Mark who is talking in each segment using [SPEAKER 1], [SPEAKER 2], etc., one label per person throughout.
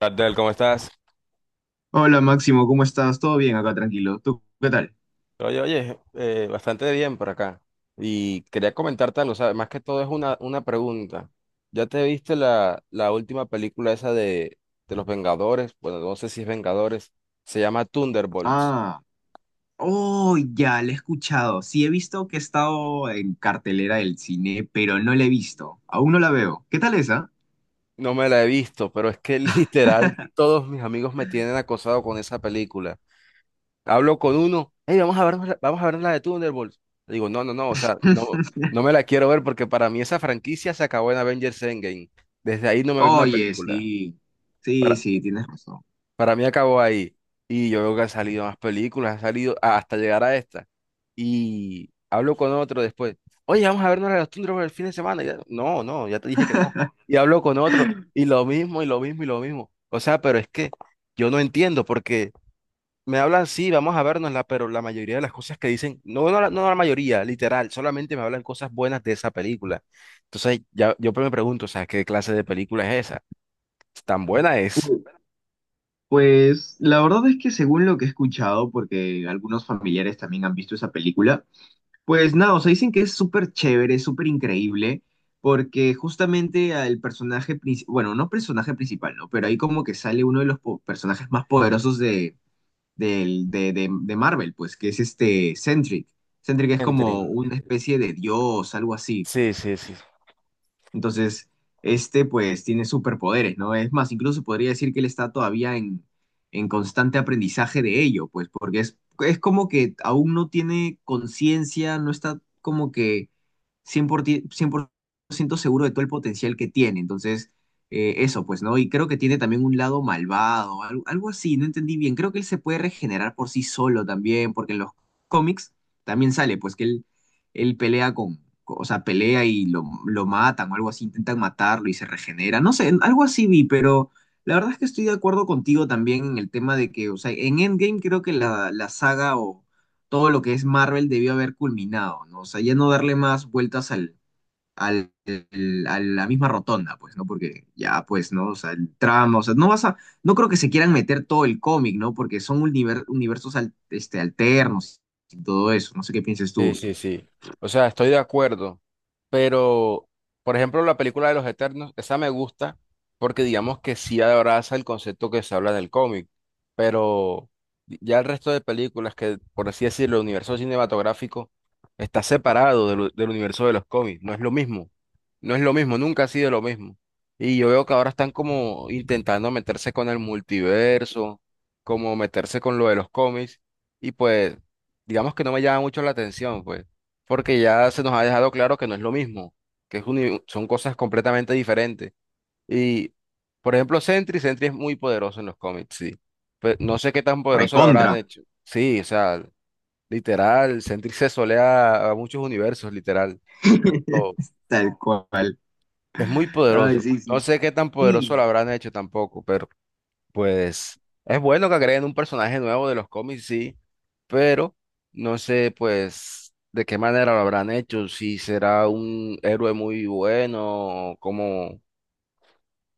[SPEAKER 1] Abdel, ¿cómo estás?
[SPEAKER 2] Hola Máximo, ¿cómo estás? ¿Todo bien acá, tranquilo? ¿Tú qué tal?
[SPEAKER 1] Bastante bien por acá. Y quería comentarte algo, o sea, más que todo es una pregunta. ¿Ya te viste la última película esa de los Vengadores? Bueno, no sé si es Vengadores, se llama Thunderbolts.
[SPEAKER 2] Ah, oh, ya, la he escuchado. Sí, he visto que he estado en cartelera del cine, pero no la he visto. Aún no la veo. ¿Qué tal esa?
[SPEAKER 1] No me la he visto, pero es que literal todos mis amigos me tienen acosado con esa película. Hablo con uno, hey, vamos a ver la de Thunderbolts. Le digo, no, no, no, o sea, no, no me la quiero ver porque para mí esa franquicia se acabó en Avengers Endgame. Desde ahí no me vi una
[SPEAKER 2] Oye,
[SPEAKER 1] película.
[SPEAKER 2] sí. Sí,
[SPEAKER 1] Para,
[SPEAKER 2] sí, tienes razón.
[SPEAKER 1] para mí acabó ahí. Y yo veo que han salido más películas, ha salido hasta llegar a esta. Y hablo con otro después. Oye, vamos a vernos la de los Thunderbolts el fin de semana. Y ya, no, no, ya te dije que no. Y hablo con otro, y lo mismo, y lo mismo, y lo mismo. O sea, pero es que yo no entiendo porque. Me hablan, sí, vamos a vernosla, pero la mayoría de las cosas que dicen, no, no, no la mayoría, literal, solamente me hablan cosas buenas de esa película. Entonces, ya, yo me pregunto, o sea, ¿qué clase de película es esa? ¿Tan buena es?
[SPEAKER 2] Uy, Pues la verdad es que según lo que he escuchado, porque algunos familiares también han visto esa película. Pues nada, o sea, dicen que es súper chévere, súper increíble, porque justamente al personaje principal, bueno, no personaje principal, ¿no? Pero ahí como que sale uno de los personajes más poderosos de, del- de Marvel, pues, que es este Sentry. Sentry que es
[SPEAKER 1] Entry.
[SPEAKER 2] como una especie de dios, algo así.
[SPEAKER 1] Sí, sí, sí.
[SPEAKER 2] Entonces, este pues tiene superpoderes, ¿no? Es más, incluso podría decir que él está todavía en constante aprendizaje de ello, pues porque es como que aún no tiene conciencia, no está como que 100% seguro de todo el potencial que tiene. Entonces, eso pues, ¿no? Y creo que tiene también un lado malvado, algo, algo así, no entendí bien. Creo que él se puede regenerar por sí solo también, porque en los cómics también sale, pues que él pelea con, o sea, pelea y lo matan o algo así, intentan matarlo y se regenera. No sé, algo así vi, pero la verdad es que estoy de acuerdo contigo también en el tema de que, o sea, en Endgame creo que la saga o todo lo que es Marvel debió haber culminado, ¿no? O sea, ya no darle más vueltas a la misma rotonda, pues, ¿no? Porque ya, pues, ¿no? O sea, el trama, o sea, no vas a, no creo que se quieran meter todo el cómic, ¿no? Porque son universos este, alternos y todo eso. No sé qué pienses
[SPEAKER 1] Sí,
[SPEAKER 2] tú.
[SPEAKER 1] sí, sí. O sea, estoy de acuerdo. Pero, por ejemplo, la película de los Eternos, esa me gusta porque digamos que sí abraza el concepto que se habla en el cómic, pero ya el resto de películas que, por así decirlo, el universo cinematográfico está separado del universo de los cómics, no es lo mismo, no es lo mismo, nunca ha sido lo mismo. Y yo veo que ahora están como intentando meterse con el multiverso, como meterse con lo de los cómics, y pues digamos que no me llama mucho la atención, pues porque ya se nos ha dejado claro que no es lo mismo, que es son cosas completamente diferentes. Y, por ejemplo, Sentry, Sentry es muy poderoso en los cómics, sí. Pero no sé qué tan poderoso lo habrán
[SPEAKER 2] Recontra,
[SPEAKER 1] hecho. Sí, o sea, literal, Sentry se solea a muchos universos, literal. Oh,
[SPEAKER 2] tal cual.
[SPEAKER 1] es muy
[SPEAKER 2] Ay,
[SPEAKER 1] poderoso.
[SPEAKER 2] sí,
[SPEAKER 1] No
[SPEAKER 2] sí,
[SPEAKER 1] sé qué tan poderoso lo
[SPEAKER 2] sí,
[SPEAKER 1] habrán hecho tampoco, pero pues es bueno que agreguen un personaje nuevo de los cómics, sí, pero no sé pues de qué manera lo habrán hecho, si será un héroe muy bueno, o ¿cómo?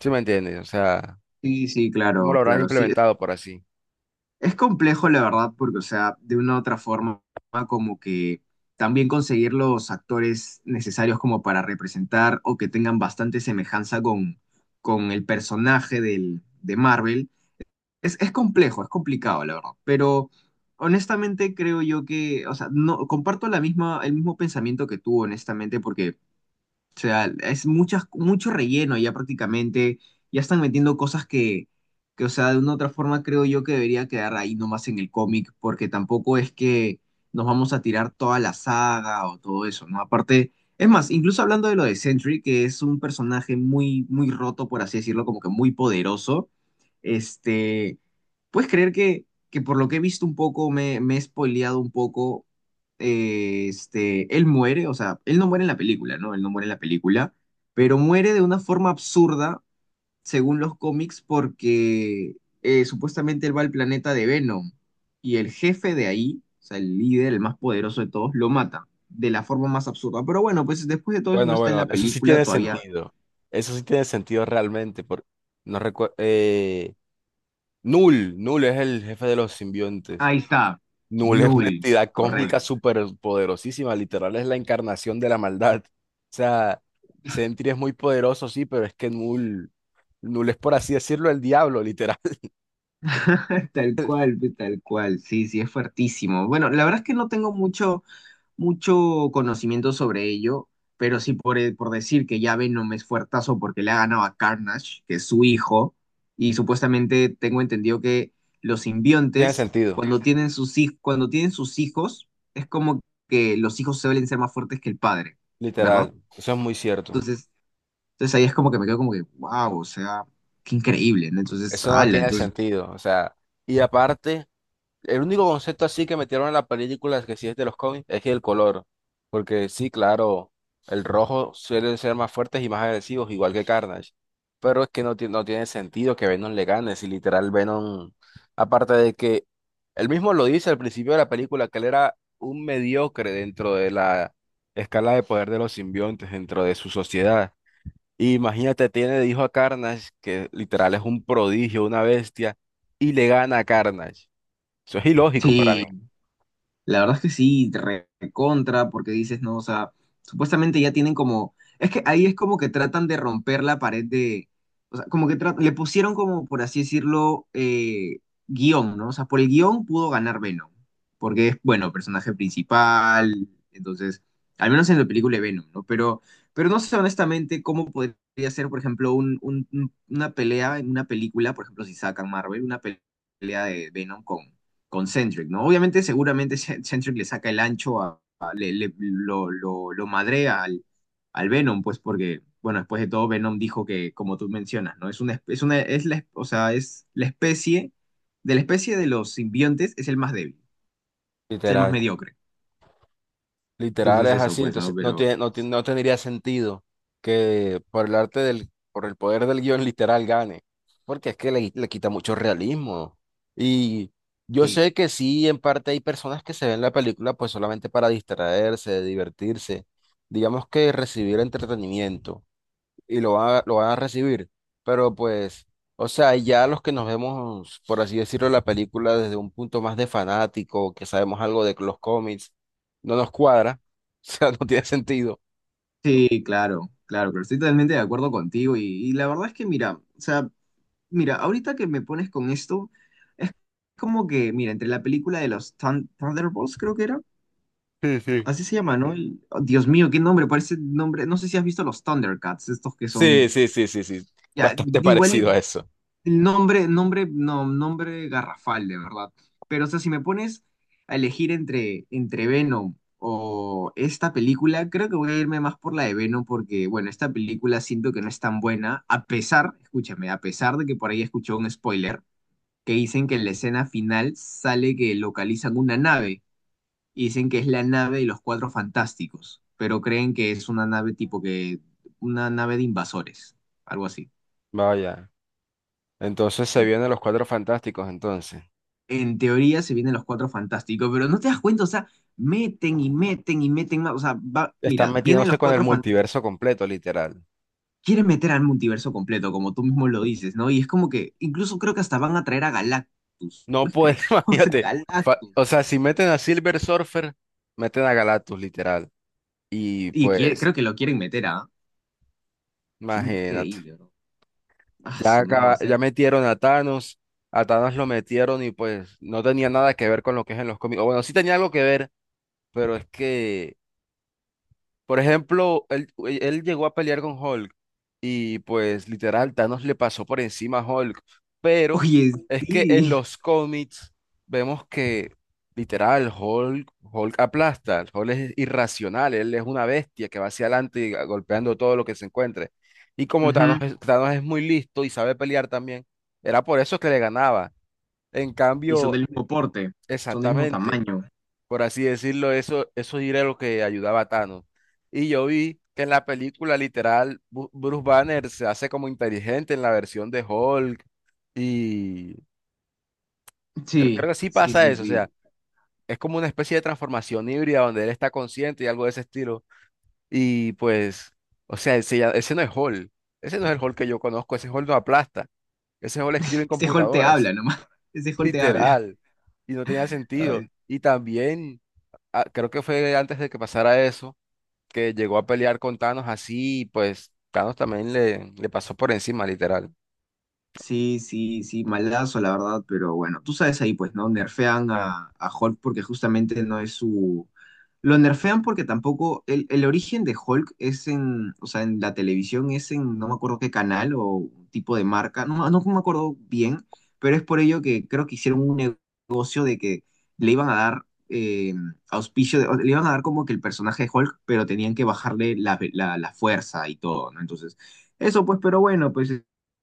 [SPEAKER 1] ¿Sí me entiendes? O sea,
[SPEAKER 2] sí, sí,
[SPEAKER 1] ¿cómo lo
[SPEAKER 2] claro,
[SPEAKER 1] habrán
[SPEAKER 2] claro, sí. Es,
[SPEAKER 1] implementado por así?
[SPEAKER 2] es complejo, la verdad, porque, o sea, de una u otra forma, como que también conseguir los actores necesarios como para representar o que tengan bastante semejanza con el personaje de Marvel, es complejo, es complicado, la verdad, pero... Honestamente creo yo que, o sea, no comparto el mismo pensamiento que tú, honestamente, porque o sea, es mucho relleno ya prácticamente. Ya están metiendo cosas que, o sea, de una u otra forma creo yo que debería quedar ahí nomás en el cómic, porque tampoco es que nos vamos a tirar toda la saga o todo eso, ¿no? Aparte, es más, incluso hablando de lo de Sentry, que es un personaje muy, muy roto, por así decirlo, como que muy poderoso, este, puedes creer que por lo que he visto un poco, me he spoileado un poco él muere, o sea, él no muere en la película, ¿no? Él no muere en la película, pero muere de una forma absurda, según los cómics, porque supuestamente él va al planeta de Venom y el jefe de ahí, o sea, el líder, el más poderoso de todos, lo mata de la forma más absurda. Pero bueno, pues después de todo eso no
[SPEAKER 1] Bueno,
[SPEAKER 2] está en
[SPEAKER 1] bueno,
[SPEAKER 2] la
[SPEAKER 1] eso sí
[SPEAKER 2] película
[SPEAKER 1] tiene
[SPEAKER 2] todavía.
[SPEAKER 1] sentido. Eso sí tiene sentido realmente. Por no recuerdo. Null, Null es el jefe de los simbiontes.
[SPEAKER 2] Ahí está,
[SPEAKER 1] Null es una
[SPEAKER 2] Null,
[SPEAKER 1] entidad cósmica
[SPEAKER 2] correcto.
[SPEAKER 1] súper poderosísima, literal es la encarnación de la maldad. O sea, Sentry es muy poderoso, sí, pero es que Null, Null es por así decirlo el diablo, literal.
[SPEAKER 2] Tal cual, pues, tal cual, sí, sí, es fuertísimo. Bueno, la verdad es que no tengo mucho conocimiento sobre ello, pero sí por decir que ya Venom es fuertazo porque le ha ganado a Carnage, que es su hijo, y supuestamente tengo entendido que los
[SPEAKER 1] Tiene
[SPEAKER 2] simbiontes,
[SPEAKER 1] sentido,
[SPEAKER 2] cuando tienen sus, cuando tienen sus hijos, es como que los hijos suelen ser más fuertes que el padre, ¿verdad?
[SPEAKER 1] literal, eso es muy cierto.
[SPEAKER 2] Entonces, entonces ahí es como que me quedo como que, wow, o sea, qué increíble, ¿no? Entonces,
[SPEAKER 1] Eso no
[SPEAKER 2] ala,
[SPEAKER 1] tiene
[SPEAKER 2] entonces,
[SPEAKER 1] sentido, o sea, y aparte... El único concepto así que metieron en la película es que sí es de los cómics, es que el color. Porque sí, claro, el rojo suele ser más fuertes y más agresivos, igual que Carnage. Pero es que no, no tiene sentido que Venom le gane, si literal Venom, aparte de que él mismo lo dice al principio de la película, que él era un mediocre dentro de la escala de poder de los simbiontes, dentro de su sociedad. Y imagínate, tiene de hijo a Carnage, que literal es un prodigio, una bestia, y le gana a Carnage. Eso es ilógico para mí.
[SPEAKER 2] sí, la verdad es que sí, contra, porque dices, no, o sea, supuestamente ya tienen como, es que ahí es como que tratan de romper la pared de, o sea, como que le pusieron como, por así decirlo, guión, ¿no? O sea, por el guión pudo ganar Venom, porque es, bueno, personaje principal, entonces, al menos en la película de Venom, ¿no? Pero no sé honestamente cómo podría ser, por ejemplo, una pelea en una película, por ejemplo, si sacan Marvel, una pelea de Venom con Centric, ¿no? Obviamente, seguramente Centric le saca el ancho lo madrea al, al Venom, pues porque, bueno, después de todo, Venom dijo que, como tú mencionas, ¿no? Es una, espe- es una, es la, o sea, es la especie de los simbiontes es el más débil, es el más
[SPEAKER 1] Literal,
[SPEAKER 2] mediocre.
[SPEAKER 1] literal
[SPEAKER 2] Entonces
[SPEAKER 1] es
[SPEAKER 2] eso,
[SPEAKER 1] así,
[SPEAKER 2] pues, ¿no?
[SPEAKER 1] entonces
[SPEAKER 2] Pero
[SPEAKER 1] no tendría sentido que por el arte del, por el poder del guión literal gane, porque es que le quita mucho realismo. Y yo
[SPEAKER 2] sí,
[SPEAKER 1] sé que sí, en parte hay personas que se ven la película pues solamente para distraerse, divertirse, digamos que recibir entretenimiento, y lo van a recibir. Pero pues, o sea, ya los que nos vemos, por así decirlo, la película desde un punto más de fanático, que sabemos algo de los cómics, no nos cuadra, o sea, no tiene sentido.
[SPEAKER 2] sí, claro, claro, pero estoy totalmente de acuerdo contigo y la verdad es que, mira, o sea, mira, ahorita que me pones con esto, es como que, mira, entre la película de los Thunderbolts, creo que era,
[SPEAKER 1] Sí, sí.
[SPEAKER 2] así se llama, ¿no? El- oh, Dios mío, qué nombre, parece nombre. No sé si has visto los Thundercats, estos que
[SPEAKER 1] Sí,
[SPEAKER 2] son.
[SPEAKER 1] sí, sí, sí, sí,
[SPEAKER 2] Ya,
[SPEAKER 1] bastante
[SPEAKER 2] igual
[SPEAKER 1] parecido a
[SPEAKER 2] y-
[SPEAKER 1] eso.
[SPEAKER 2] el nombre, nombre, no, nombre garrafal, de verdad. Pero, o sea, si me pones a elegir entre Venom o esta película, creo que voy a irme más por la de Venom, porque, bueno, esta película siento que no es tan buena, a pesar, escúchame, a pesar de que por ahí escuché un spoiler que dicen que en la escena final sale que localizan una nave y dicen que es la nave de los Cuatro Fantásticos, pero creen que es una nave tipo que, una nave de invasores, algo así.
[SPEAKER 1] Vaya. Entonces se vienen los Cuatro Fantásticos, entonces.
[SPEAKER 2] En teoría se vienen los Cuatro Fantásticos, pero no te das cuenta, o sea, meten y meten y meten más, o sea, va,
[SPEAKER 1] Están
[SPEAKER 2] mira, vienen
[SPEAKER 1] metiéndose
[SPEAKER 2] los
[SPEAKER 1] con el
[SPEAKER 2] Cuatro Fantásticos,
[SPEAKER 1] multiverso completo, literal.
[SPEAKER 2] quieren meter al multiverso completo, como tú mismo lo dices, ¿no? Y es como que, incluso creo que hasta van a traer a Galactus,
[SPEAKER 1] No
[SPEAKER 2] ¿puedes
[SPEAKER 1] puede,
[SPEAKER 2] creerlo? O sea,
[SPEAKER 1] imagínate.
[SPEAKER 2] Galactus.
[SPEAKER 1] O sea, si meten a Silver Surfer, meten a Galactus, literal. Y
[SPEAKER 2] Y quiere-
[SPEAKER 1] pues...
[SPEAKER 2] creo que lo quieren meter a... Qué
[SPEAKER 1] Imagínate.
[SPEAKER 2] increíble, bro. Ah,
[SPEAKER 1] Ya,
[SPEAKER 2] su no va a
[SPEAKER 1] ya
[SPEAKER 2] ser.
[SPEAKER 1] metieron a Thanos lo metieron y pues no tenía nada que ver con lo que es en los cómics. O bueno, sí tenía algo que ver, pero es que por ejemplo, él llegó a pelear con Hulk y pues literal Thanos le pasó por encima a Hulk, pero
[SPEAKER 2] Oye,
[SPEAKER 1] es que en
[SPEAKER 2] sí.
[SPEAKER 1] los cómics vemos que literal Hulk, Hulk aplasta, Hulk es irracional, él es una bestia que va hacia adelante y golpeando todo lo que se encuentre. Y como
[SPEAKER 2] Ujú.
[SPEAKER 1] Thanos es muy listo y sabe pelear también, era por eso que le ganaba. En
[SPEAKER 2] Y son
[SPEAKER 1] cambio,
[SPEAKER 2] del mismo porte, son del mismo
[SPEAKER 1] exactamente
[SPEAKER 2] tamaño.
[SPEAKER 1] por así decirlo, eso era lo que ayudaba a Thanos. Y yo vi que en la película literal, Bruce Banner se hace como inteligente en la versión de Hulk y creo
[SPEAKER 2] Sí,
[SPEAKER 1] que sí
[SPEAKER 2] sí,
[SPEAKER 1] pasa
[SPEAKER 2] sí,
[SPEAKER 1] eso, o sea,
[SPEAKER 2] sí.
[SPEAKER 1] es como una especie de transformación híbrida donde él está consciente y algo de ese estilo. Y pues, o sea, ese no es Hulk, ese no es el Hulk que yo conozco, ese Hulk no aplasta, ese Hulk escribe en
[SPEAKER 2] Este Hulk te
[SPEAKER 1] computadoras,
[SPEAKER 2] habla nomás. Ese Hulk te habla.
[SPEAKER 1] literal, y no tenía sentido.
[SPEAKER 2] Ay,
[SPEAKER 1] Y también, ah, creo que fue antes de que pasara eso que llegó a pelear con Thanos así, y pues Thanos también le pasó por encima, literal.
[SPEAKER 2] sí, sí, sí, malazo la verdad, pero bueno, tú sabes ahí pues, ¿no? Nerfean a Hulk porque justamente no es su, lo nerfean porque tampoco, el origen de Hulk es en, o sea, en la televisión es en, no me acuerdo qué canal o tipo de marca, no me acuerdo bien, pero es por ello que creo que hicieron un negocio de que le iban a dar auspicio, de- o le iban a dar como que el personaje de Hulk, pero tenían que bajarle la fuerza y todo, ¿no? Entonces, eso pues, pero bueno, pues,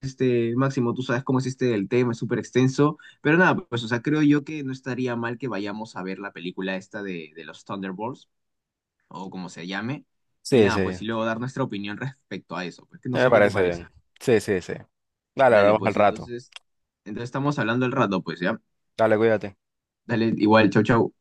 [SPEAKER 2] este, Máximo, tú sabes cómo es este el tema, es súper extenso. Pero nada, pues, o sea, creo yo que no estaría mal que vayamos a ver la película esta de los Thunderbolts, o como se llame, y
[SPEAKER 1] Sí,
[SPEAKER 2] nada,
[SPEAKER 1] sí,
[SPEAKER 2] pues, y luego dar nuestra opinión respecto a eso, pues, que no
[SPEAKER 1] me
[SPEAKER 2] sé qué te
[SPEAKER 1] parece
[SPEAKER 2] parece.
[SPEAKER 1] bien. Sí, sí, sí. Dale,
[SPEAKER 2] Dale,
[SPEAKER 1] hablamos al
[SPEAKER 2] pues,
[SPEAKER 1] rato.
[SPEAKER 2] entonces, entonces estamos hablando el rato, pues, ¿ya?
[SPEAKER 1] Dale, cuídate.
[SPEAKER 2] Dale, igual, chau, chau.